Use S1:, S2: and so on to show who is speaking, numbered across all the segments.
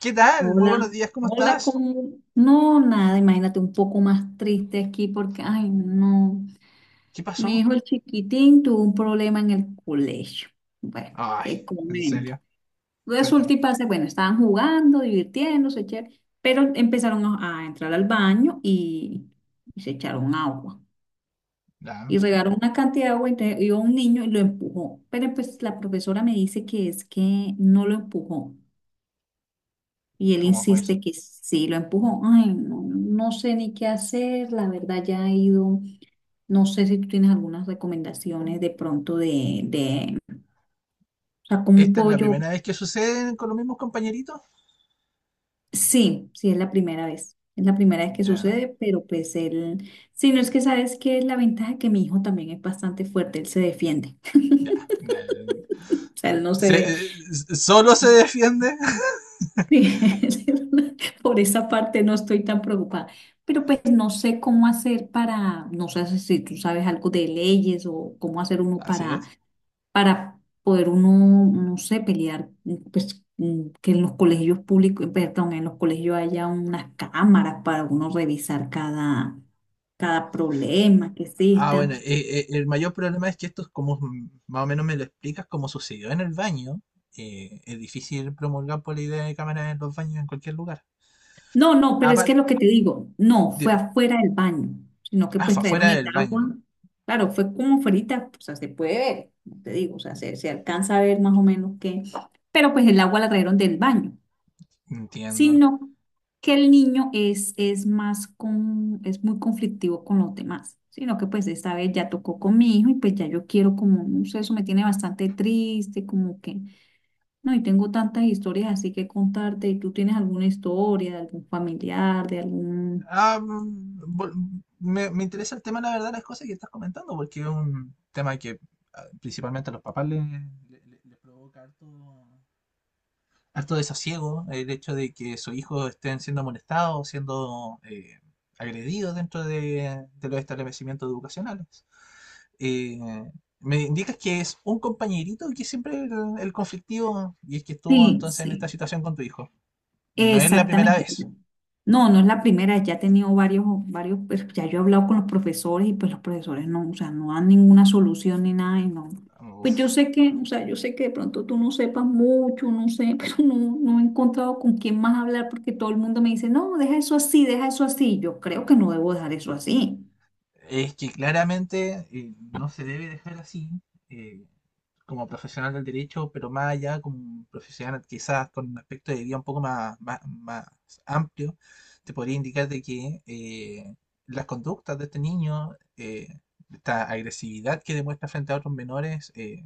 S1: ¿Qué tal? Muy buenos
S2: Hola,
S1: días, ¿cómo
S2: hola,
S1: estás?
S2: no, nada, imagínate un poco más triste aquí porque, ay, no,
S1: ¿Qué
S2: mi
S1: pasó?
S2: hijo el chiquitín tuvo un problema en el colegio. Bueno,
S1: Ay,
S2: te
S1: en
S2: comento.
S1: serio, cuéntame.
S2: Resulta y pasa, bueno, estaban jugando, divirtiéndose, chévere, pero empezaron a entrar al baño y se echaron agua.
S1: Ya,
S2: Y regaron una cantidad de agua, entonces iba un niño y lo empujó. Pero pues la profesora me dice que es que no lo empujó. Y él
S1: ¿cómo fue eso?
S2: insiste que sí, lo empujó. Ay, no, no sé ni qué hacer, la verdad ya he ido, no sé si tú tienes algunas recomendaciones de pronto o sea, como un
S1: ¿Esta es la
S2: pollo.
S1: primera vez que sucede con los mismos compañeritos?
S2: Sí, sí, es la primera vez, es la primera vez que
S1: Ya,
S2: sucede, pero pues él, sí, no, es que sabes que la ventaja que mi hijo también es bastante fuerte, él se defiende,
S1: ya, ya.
S2: o sea, él no se deja.
S1: ¿Solo se defiende?
S2: Sí, por esa parte no estoy tan preocupada. Pero pues no sé cómo hacer para, no sé si tú sabes algo de leyes o cómo hacer uno
S1: Así es.
S2: para poder uno, no sé, pelear, pues que en los colegios públicos, perdón, en los colegios haya unas cámaras para uno revisar cada problema que
S1: Ah,
S2: exista.
S1: bueno, el mayor problema es que esto es como, más o menos me lo explicas, como sucedió en el baño. Es difícil promulgar por la idea de cámaras en los baños en cualquier lugar.
S2: No, no, pero es que
S1: Aparte,
S2: lo que te digo, no, fue
S1: dime,
S2: afuera del baño, sino que
S1: ah,
S2: pues
S1: fue
S2: trajeron
S1: afuera
S2: el
S1: del
S2: agua.
S1: baño.
S2: Claro, fue como fuerita, o sea, se puede ver, como te digo, o sea, se alcanza a ver más o menos que, pero pues el agua la trajeron del baño,
S1: Entiendo.
S2: sino que el niño es muy conflictivo con los demás, sino que pues esta vez ya tocó con mi hijo y pues ya yo quiero como, no sé, eso me tiene bastante triste, como que no, y tengo tantas historias así que contarte. ¿Y tú tienes alguna historia de algún familiar, de algún...?
S1: Ah, mm, vol- me interesa el tema, la verdad, las cosas que estás comentando, porque es un tema que ah, principalmente a los papás les provoca harto desasiego, el hecho de que sus hijos estén siendo molestados, siendo agredidos dentro de los establecimientos educacionales. Eh, Me indicas que es un compañerito que siempre el conflictivo y es que estuvo
S2: Sí,
S1: entonces en esta
S2: sí,
S1: situación con tu hijo. No es la primera
S2: exactamente.
S1: vez.
S2: No, no es la primera, ya he tenido varios, varios, pues, ya yo he hablado con los profesores y pues los profesores no, o sea, no dan ninguna solución ni nada y no. Pues yo sé que, o sea, yo sé que de pronto tú no sepas mucho, no sé, pero no, no he encontrado con quién más hablar porque todo el mundo me dice, no, deja eso así, deja eso así. Yo creo que no debo dejar eso así.
S1: Es que claramente no se debe dejar así, eh, como profesional del derecho, pero más allá, como un profesional quizás con un aspecto de vida un poco más, más amplio, te podría indicar de que las conductas de este niño, eh, esta agresividad que demuestra frente a otros menores,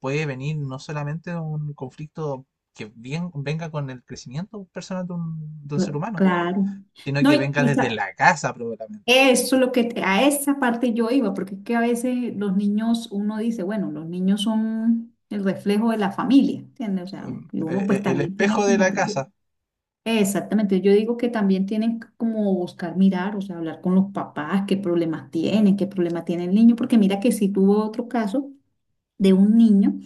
S1: puede venir no solamente de un conflicto que bien, venga con el crecimiento personal de un ser
S2: Cla-
S1: humano,
S2: Claro.
S1: sino
S2: No,
S1: que venga desde la casa probablemente.
S2: eso es lo que a esa parte yo iba, porque es que a veces los niños, uno dice, bueno, los niños son el reflejo de la familia, ¿entiendes? O sea,
S1: eh,
S2: y uno pues
S1: el
S2: también tiene
S1: espejo de
S2: como
S1: la
S2: que,
S1: casa.
S2: exactamente, yo digo que también tienen como buscar mirar, o sea, hablar con los papás, qué problemas tienen, qué problema tiene el niño, porque mira que sí tuvo otro caso de un niño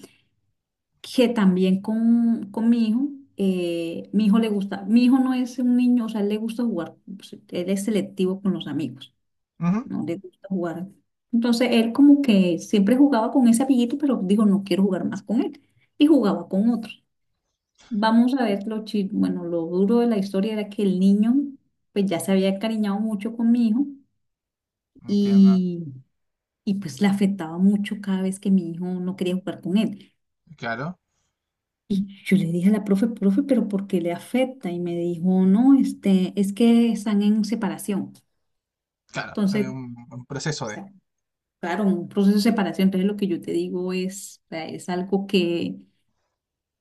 S2: que también con mi hijo le gusta, mi hijo no es un niño, o sea, él le gusta jugar, pues, él es selectivo con los amigos,
S1: Ujú.
S2: no le gusta jugar. Entonces él como que siempre jugaba con ese amiguito, pero dijo, no quiero jugar más con él. Y jugaba con otro. Vamos a ver lo bueno, lo duro de la historia era que el niño pues ya se había encariñado mucho con mi hijo
S1: Entiendo.
S2: y, y pues le afectaba mucho cada vez que mi hijo no quería jugar con él.
S1: Claro,
S2: Y yo le dije a la profe, profe, pero ¿por qué le afecta? Y me dijo, no, este, es que están en separación.
S1: claro, es
S2: Entonces,
S1: un proceso de...
S2: claro, un proceso de separación, entonces lo que yo te digo es, o sea, es algo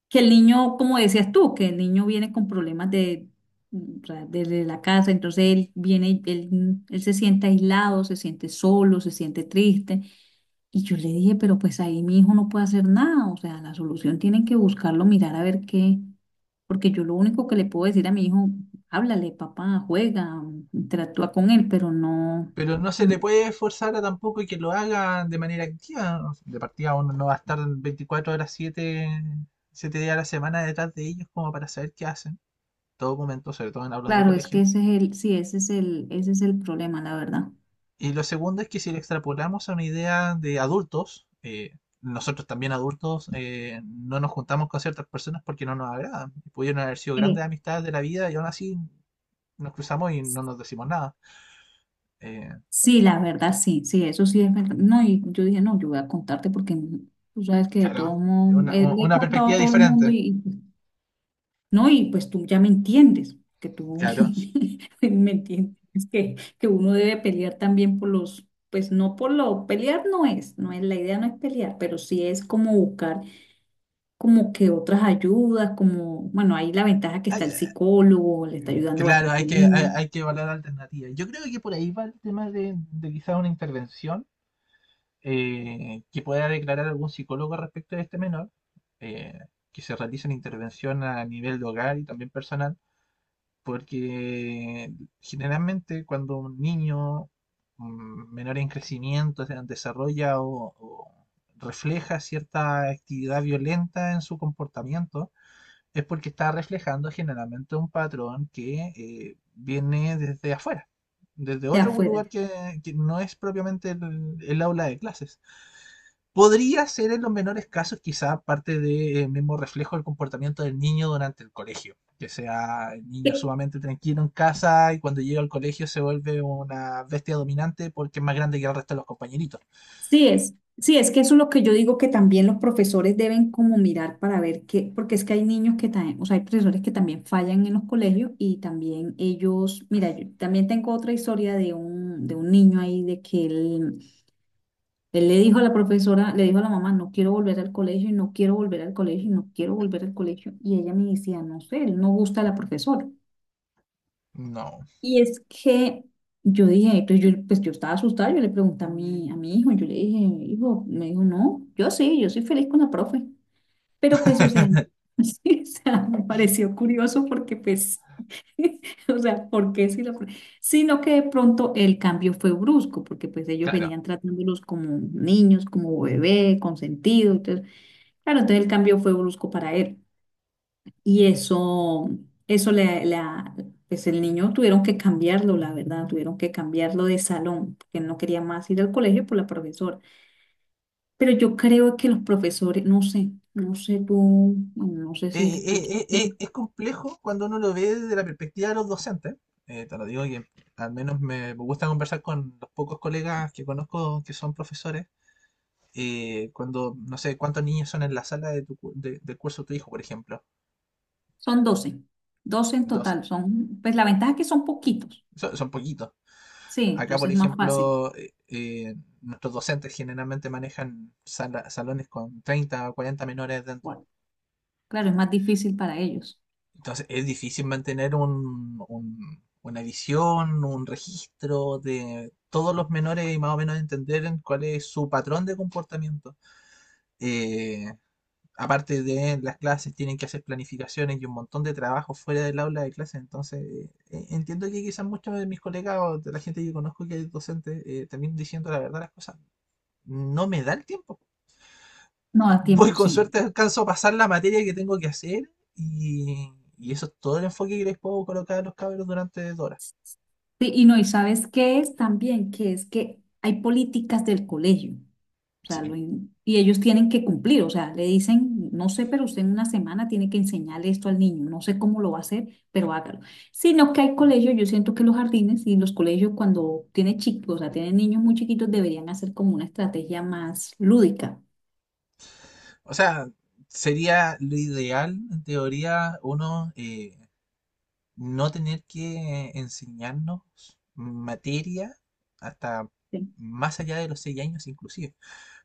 S2: que el niño, como decías tú, que el niño viene con problemas de, o sea, desde la casa, entonces él viene, él se siente aislado, se siente solo, se siente triste. Y yo le dije, pero pues ahí mi hijo no puede hacer nada, o sea, la solución tienen que buscarlo, mirar a ver qué, porque yo lo único que le puedo decir a mi hijo, háblale, papá, juega, interactúa con él, pero no.
S1: Pero no se
S2: No.
S1: le puede forzar a tampoco que lo haga de manera activa. De partida uno no va a estar 24 horas 7 días a la semana detrás de ellos como para saber qué hacen. Todo momento, sobre todo en aulas de
S2: Claro, es
S1: colegio.
S2: que ese es el, sí, ese es el problema, la verdad.
S1: Y lo segundo es que si lo extrapolamos a una idea de adultos, nosotros también adultos no nos juntamos con ciertas personas porque no nos agradan. Pudieron haber sido
S2: Eh,
S1: grandes amistades de la vida y aún así nos cruzamos y no nos decimos nada. Eh,
S2: sí, la verdad, sí, sí, eso sí es verdad. No, y yo dije, no, yo voy a contarte porque tú sabes que de todo
S1: claro,
S2: mundo, le he
S1: una
S2: contado a
S1: perspectiva
S2: todo el mundo
S1: diferente.
S2: no, y pues tú ya me entiendes, que tú
S1: Claro.
S2: me entiendes, que uno debe pelear también por los, pues no por lo, pelear no es, la idea no es pelear, pero sí es como buscar como que otras ayudas, como, bueno, ahí la ventaja que está
S1: Ay,
S2: el
S1: eh,
S2: psicólogo, le está ayudando
S1: claro,
S2: bastante el niño.
S1: hay que evaluar alternativas. Yo creo que por ahí va el tema de quizás una intervención que pueda declarar algún psicólogo respecto a este menor, eh, que se realice una intervención a nivel de hogar y también personal, porque generalmente cuando un niño menor en crecimiento o sea, desarrolla o refleja cierta actividad violenta en su comportamiento, es porque está reflejando generalmente un patrón que viene desde afuera, desde
S2: De
S1: otro
S2: afuera.
S1: lugar que no es propiamente el aula de clases. Podría ser en los menores casos quizá parte del mismo reflejo del comportamiento del niño durante el colegio, que sea el niño
S2: Que-
S1: sumamente tranquilo en casa y cuando llega al colegio se vuelve una bestia dominante porque es más grande que el resto de los compañeritos.
S2: Sí es que eso es lo que yo digo, que también los profesores deben como mirar para ver qué, porque es que hay niños que también, o sea, hay profesores que también fallan en los colegios y también ellos, mira, yo también tengo otra historia de un, niño ahí de que él le dijo a la profesora, le dijo a la mamá, no quiero volver al colegio y no quiero volver al colegio y no quiero volver al colegio y ella me decía, no sé, él no gusta a la profesora.
S1: No,
S2: Y es que yo dije, pues yo estaba asustada, yo le pregunté a mi hijo, yo le dije, hijo, me dijo, no, yo sí, yo soy feliz con la profe. Pero pues, o sea, sí, o sea, me pareció curioso porque pues, o sea, ¿por qué si la profe? Sino que de pronto el cambio fue brusco, porque pues ellos
S1: claro.
S2: venían tratándolos como niños, como bebé, consentido, entonces, claro, entonces el cambio fue brusco para él. Y eso pues el niño tuvieron que cambiarlo, la verdad, tuvieron que cambiarlo de salón, porque él no quería más ir al colegio por la profesora. Pero yo creo que los profesores, no sé, no sé tú, bueno, no sé si escuchas,
S1: Es complejo cuando uno lo ve desde la perspectiva de los docentes. Te lo digo que al menos me gusta conversar con los pocos colegas que conozco que son profesores cuando, no sé, cuántos niños son en la sala de tu, cu- de- del curso de tu hijo, por ejemplo.
S2: son doce en
S1: 12.
S2: total, son, pues la ventaja es que son poquitos,
S1: Son poquitos.
S2: sí,
S1: Acá, por
S2: entonces es más
S1: ejemplo,
S2: fácil.
S1: nuestros docentes generalmente manejan salones con 30 o 40 menores dentro.
S2: Bueno, claro, es más difícil para ellos.
S1: Entonces, es difícil mantener una visión, un registro de todos los menores y más o menos entender en cuál es su patrón de comportamiento. Eh, Aparte de las clases, tienen que hacer planificaciones y un montón de trabajo fuera del aula de clases. Entonces, entiendo que quizás muchos de mis colegas o de la gente que conozco que es docente, también diciendo la verdad las cosas, no me da el tiempo.
S2: No da
S1: Voy
S2: tiempo,
S1: con
S2: sí.
S1: suerte, alcanzo a pasar la materia que tengo que hacer y, y eso es todo el enfoque que les puedo colocar a los cabros durante dos horas.
S2: Sí, y no, ¿y sabes qué es también? Que es que hay políticas del colegio. O sea,
S1: Sí.
S2: y ellos tienen que cumplir, o sea, le dicen, no sé, pero usted en una semana tiene que enseñarle esto al niño, no sé cómo lo va a hacer, pero hágalo. Sino que hay colegios, yo siento que los jardines y los colegios cuando tienen chicos, o sea, tienen niños muy chiquitos, deberían hacer como una estrategia más lúdica.
S1: O sea, sería lo ideal, en teoría, no tener que enseñarnos materia hasta
S2: Sí,
S1: más allá de los seis años inclusive.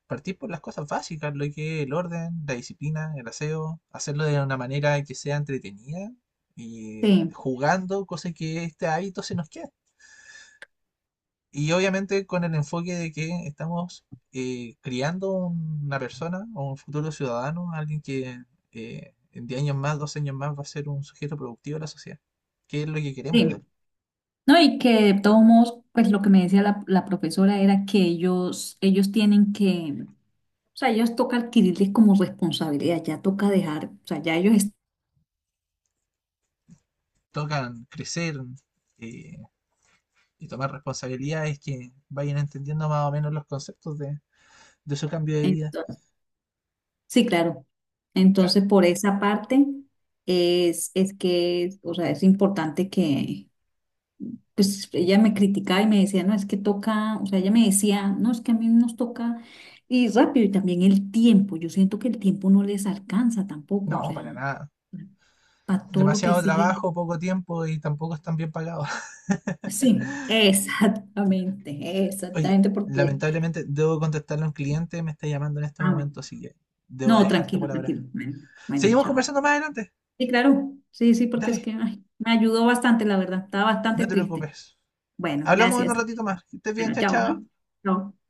S1: Partir por las cosas básicas, lo que es el orden, la disciplina, el aseo, hacerlo de una manera que sea entretenida y
S2: sí.
S1: jugando, cosa que este hábito se nos queda. Y obviamente con el enfoque de que estamos criando una persona o un futuro ciudadano, alguien que en 10 años más, 12 años más va a ser un sujeto productivo de la sociedad. ¿Qué es lo que queremos de él?
S2: Sí. No, y que de todos modos, pues lo que me decía la profesora era que ellos, tienen que, o sea, ellos toca adquirirles como responsabilidad, ya toca dejar, o sea, ya ellos
S1: Tocan crecer eh, y tomar responsabilidades que vayan entendiendo más o menos los conceptos de su cambio de vida.
S2: están. Sí, claro.
S1: Claro,
S2: Entonces, por esa parte es que, o sea, es importante que, pues ella me criticaba y me decía, no, es que toca, o sea, ella me decía, no, es que a mí nos toca y rápido y también el tiempo. Yo siento que el tiempo no les alcanza tampoco, o
S1: no,
S2: sea,
S1: para nada.
S2: para todo lo que
S1: Demasiado
S2: exige.
S1: trabajo, poco tiempo y tampoco están bien pagados.
S2: Sí, exactamente,
S1: Oye,
S2: exactamente, porque,
S1: lamentablemente debo contestarle a un cliente, me está llamando en este
S2: ah, bueno,
S1: momento, así que debo
S2: no,
S1: dejarte
S2: tranquilo,
S1: por ahora.
S2: tranquilo. Bueno, bueno,
S1: Seguimos
S2: chao.
S1: conversando más adelante.
S2: Sí, claro. Sí, sí, porque es
S1: Dale,
S2: que ay, me ayudó bastante, la verdad. Estaba bastante
S1: no te
S2: triste.
S1: preocupes.
S2: Bueno,
S1: Hablamos en un
S2: gracias.
S1: ratito más. Que estés bien,
S2: Bueno,
S1: chao,
S2: chao, ¿ah?
S1: chao.
S2: Chao.